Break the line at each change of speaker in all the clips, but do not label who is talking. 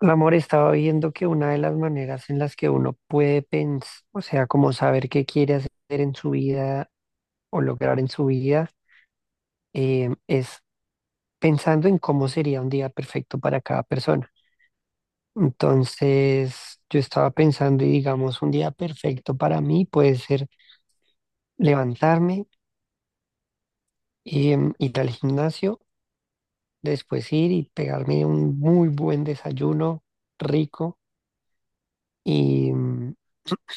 Mi amor, estaba viendo que una de las maneras en las que uno puede pensar, o sea, como saber qué quiere hacer en su vida o lograr en su vida, es pensando en cómo sería un día perfecto para cada persona. Entonces, yo estaba pensando y digamos, un día perfecto para mí puede ser levantarme y ir al gimnasio, después ir y pegarme un muy buen desayuno rico. Y, mm,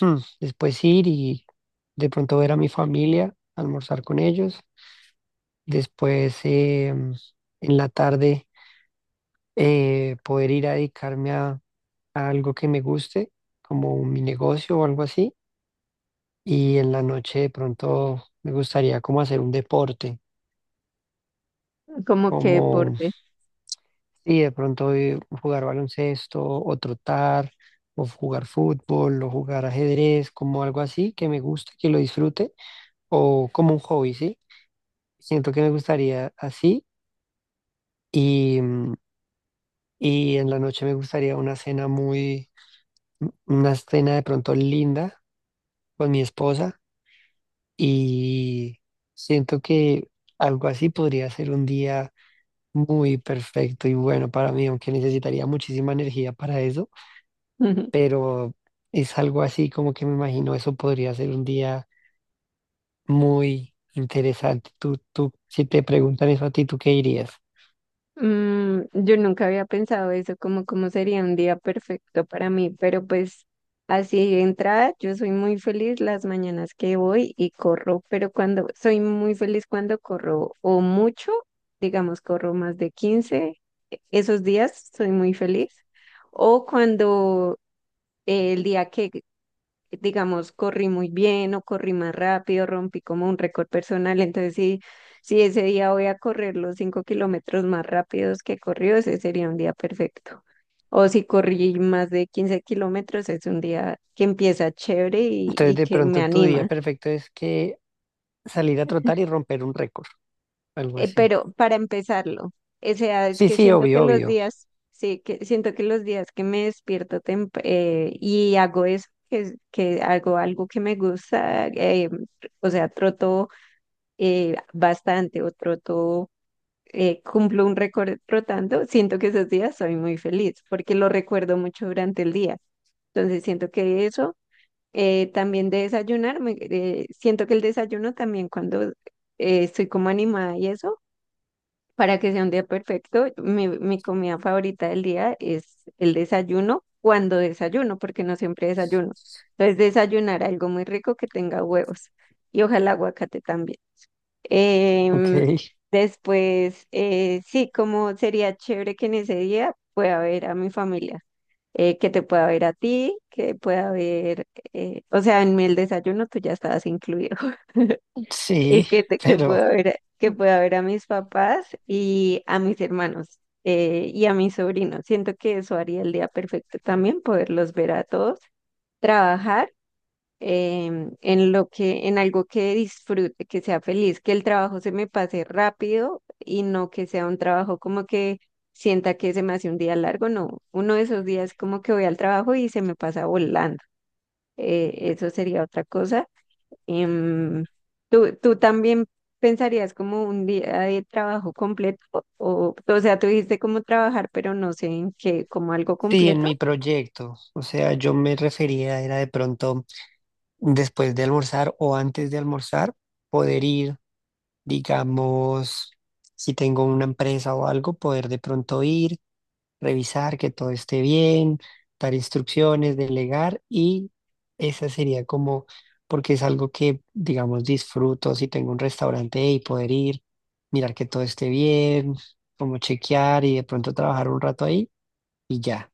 Después ir y de pronto ver a mi familia, almorzar con ellos. Después en la tarde poder ir a dedicarme a algo que me guste, como mi negocio o algo así. Y en la noche de pronto me gustaría como hacer un deporte,
Como qué
como
deporte.
sí, de pronto jugar baloncesto o trotar o jugar fútbol o jugar ajedrez, como algo así que me guste, que lo disfrute o como un hobby, ¿sí? Siento que me gustaría así y, mm, y en la noche me gustaría una cena muy, una cena de pronto linda con mi esposa y siento que algo así podría ser un día muy perfecto y bueno para mí, aunque necesitaría muchísima energía para eso, pero es algo así como que me imagino eso podría ser un día muy interesante. Si te preguntan eso a ti, ¿tú qué dirías?
Yo nunca había pensado eso, como cómo sería un día perfecto para mí, pero pues así de entrada, yo soy muy feliz las mañanas que voy y corro, pero cuando soy muy feliz cuando corro o mucho, digamos, corro más de 15, esos días soy muy feliz, o cuando el día que digamos, corrí muy bien o corrí más rápido, rompí como un récord personal. Entonces, si ese día voy a correr los 5 kilómetros más rápidos que corrió, ese sería un día perfecto. O si corrí más de 15 kilómetros, es un día que empieza chévere
Entonces,
y
de
que me
pronto tu día
anima.
perfecto es que salir a trotar y romper un récord, algo así.
Pero para empezarlo, o sea, es
Sí,
que
sí,
siento que
obvio,
los
obvio.
días que me despierto y hago eso, que hago algo que me gusta, o sea, troto bastante o troto, cumplo un récord trotando, siento que esos días soy muy feliz porque lo recuerdo mucho durante el día. Entonces siento que eso, también de desayunar, siento que el desayuno también cuando estoy como animada y eso, para que sea un día perfecto, mi comida favorita del día es el desayuno cuando desayuno, porque no siempre desayuno. Entonces desayunar algo muy rico que tenga huevos y ojalá aguacate también.
Ok.
Em, Después, sí, como sería chévere que en ese día pueda ver a mi familia, que te pueda ver a ti, que pueda ver, o sea, en el desayuno tú ya estabas incluido,
Sí,
que
pero
pueda ver, que pueda ver a mis papás y a mis hermanos. Y a mis sobrinos. Siento que eso haría el día perfecto también, poderlos ver a todos, trabajar en lo que, en algo que disfrute, que sea feliz, que el trabajo se me pase rápido y no que sea un trabajo como que sienta que se me hace un día largo, no, uno de esos días como que voy al trabajo y se me pasa volando. Eso sería otra cosa. Em, ¿tú tú también pensarías como un día de trabajo completo? O sea, tú dijiste como trabajar, pero no sé en qué, como algo
sí, en
completo.
mi proyecto. O sea, yo me refería, era de pronto después de almorzar o antes de almorzar, poder ir, digamos, si tengo una empresa o algo, poder de pronto ir revisar que todo esté bien, dar instrucciones, delegar y esa sería como, porque es algo que, digamos, disfruto si tengo un restaurante y poder ir, mirar que todo esté bien, como chequear y de pronto trabajar un rato ahí y ya.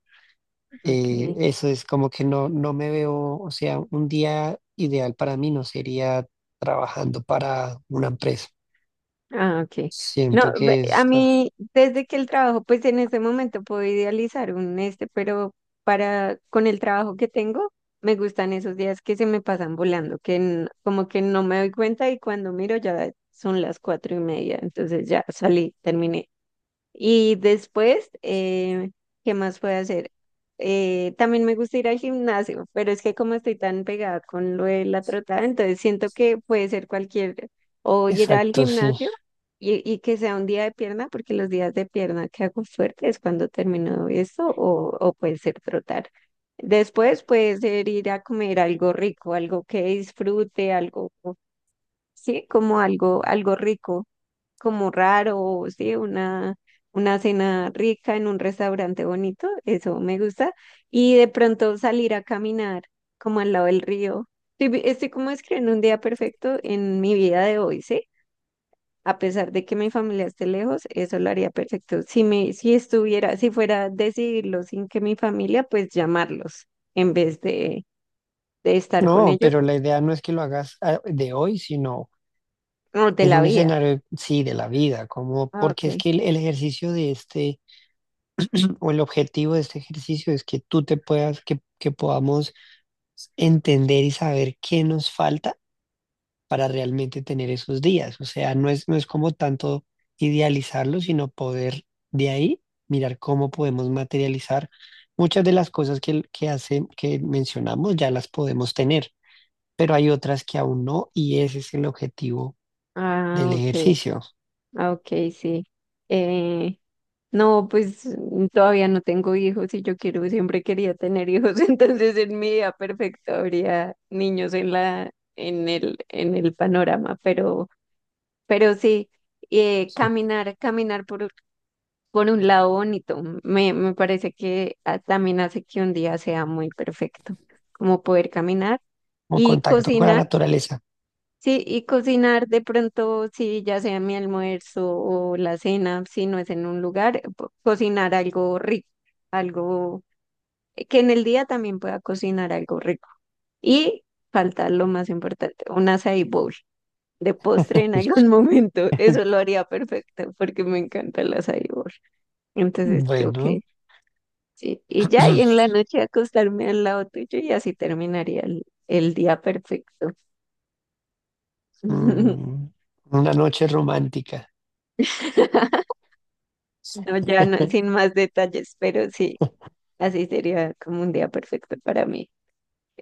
Ok.
Eso es como que no, no me veo, o sea, un día ideal para mí no sería trabajando para una empresa.
Ah, ok. No,
Siento que
a
es... ah,
mí, desde que el trabajo, pues en ese momento puedo idealizar un este, pero para, con el trabajo que tengo, me gustan esos días que se me pasan volando, que como que no me doy cuenta y cuando miro ya son las 4:30, entonces ya salí, terminé. Y después, ¿qué más puedo hacer? También me gusta ir al gimnasio, pero es que como estoy tan pegada con lo de la trotada, entonces siento que puede ser cualquier, o ir al
exacto, sí.
gimnasio y que sea un día de pierna, porque los días de pierna que hago fuerte es cuando termino esto, o puede ser trotar. Después puede ser ir a comer algo rico, algo que disfrute, algo, sí, como algo, algo rico como raro, sí, una cena rica en un restaurante bonito, eso me gusta. Y de pronto salir a caminar como al lado del río. Estoy como escribiendo un día perfecto en mi vida de hoy, ¿sí? A pesar de que mi familia esté lejos, eso lo haría perfecto. Si estuviera, si fuera a decidirlo sin que mi familia, pues llamarlos en vez de estar con
No,
ellos
pero la idea no es que lo hagas ah, de hoy, sino
o de
en
la
un
vida.
escenario, sí, de la vida, como
Ah,
porque es
ok.
que el ejercicio de este, o el objetivo de este ejercicio es que tú te puedas, que podamos entender y saber qué nos falta para realmente tener esos días. O sea, no es como tanto idealizarlo, sino poder de ahí mirar cómo podemos materializar muchas de las cosas que hace, que mencionamos, ya las podemos tener, pero hay otras que aún no, y ese es el objetivo del
Ah, ok.
ejercicio.
Ah, ok, sí. Eh, No, pues todavía no tengo hijos y yo quiero, siempre quería tener hijos, entonces en mi vida perfecta habría niños en en en el panorama, pero sí, caminar, caminar por un lado bonito, me parece que también hace que un día sea muy perfecto, como poder caminar
Como
y
contacto con la
cocinar.
naturaleza.
Sí, y cocinar de pronto, sí, ya sea mi almuerzo o la cena, si no es en un lugar, cocinar algo rico, algo que en el día también pueda cocinar algo rico. Y falta lo más importante, un açaí bowl de postre en algún momento. Eso lo haría perfecto porque me encanta el açaí bowl. Entonces creo que
Bueno,
sí. Y ya, y en la noche acostarme al lado tuyo y así terminaría el día perfecto.
mm, una noche romántica. Sí.
No, ya no, sin más detalles, pero sí, así sería como un día perfecto para mí.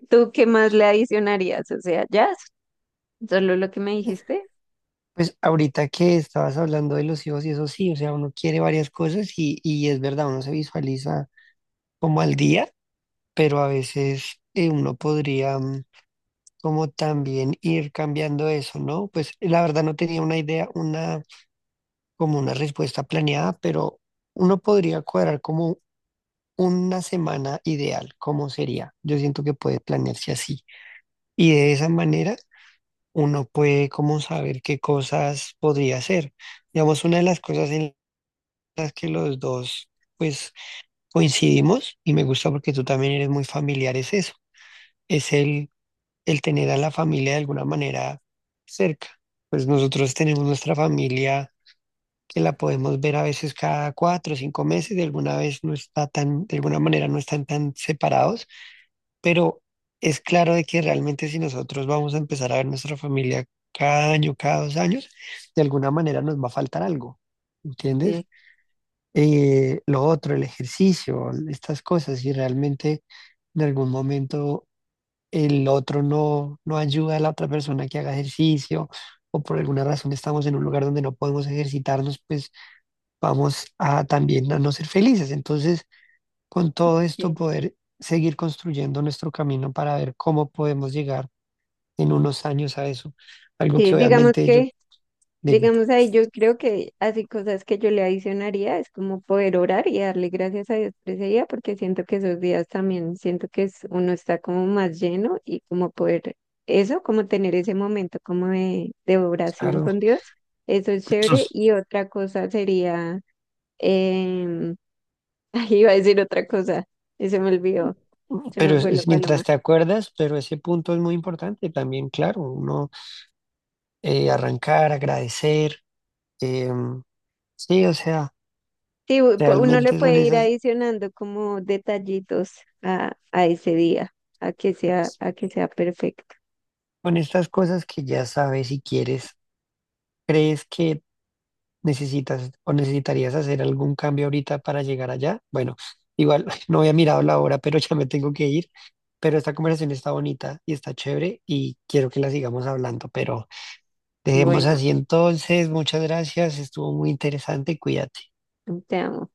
¿Tú qué más le adicionarías? O sea, ya, solo lo que me dijiste.
Pues ahorita que estabas hablando de los hijos y eso sí, o sea, uno quiere varias cosas y es verdad, uno se visualiza como al día, pero a veces uno podría como también ir cambiando eso, ¿no? Pues la verdad no tenía una idea, una como una respuesta planeada, pero uno podría cuadrar como una semana ideal, ¿cómo sería? Yo siento que puede planearse así. Y de esa manera uno puede como saber qué cosas podría hacer. Digamos, una de las cosas en las que los dos pues coincidimos y me gusta porque tú también eres muy familiar es eso, es el tener a la familia de alguna manera cerca. Pues nosotros tenemos nuestra familia que la podemos ver a veces cada cuatro o cinco meses, de alguna vez no está tan, de alguna manera no están tan separados, pero es claro de que realmente si nosotros vamos a empezar a ver nuestra familia cada año, cada dos años, de alguna manera nos va a faltar algo, ¿entiendes?
Sí,
Lo otro, el ejercicio, estas cosas, y realmente en algún momento el otro no, no ayuda a la otra persona que haga ejercicio, o por alguna razón estamos en un lugar donde no podemos ejercitarnos, pues vamos a también a no ser felices. Entonces, con todo esto
sí.
poder seguir construyendo nuestro camino para ver cómo podemos llegar en unos años a eso. Algo
Sí,
que obviamente yo, dime,
digamos ahí, yo creo que así cosas que yo le adicionaría es como poder orar y darle gracias a Dios por ese día, porque siento que esos días también, siento que es, uno está como más lleno y como poder eso, como tener ese momento como de oración
claro,
con Dios. Eso es chévere. Y otra cosa sería Eh, iba a decir otra cosa y se me olvidó, se
pero
me fue la
es mientras
paloma.
te acuerdas, pero ese punto es muy importante también, claro, uno arrancar, agradecer, eh, sí, o sea,
Sí, uno le
realmente son
puede ir
esas,
adicionando como detallitos a ese día, a que sea perfecto.
son estas cosas que ya sabes y quieres, crees que necesitas o necesitarías hacer algún cambio ahorita para llegar allá. Bueno, igual no había mirado la hora, pero ya me tengo que ir. Pero esta conversación está bonita y está chévere y quiero que la sigamos hablando, pero dejemos
Bueno,
así entonces. Muchas gracias, estuvo muy interesante, cuídate.
te amo.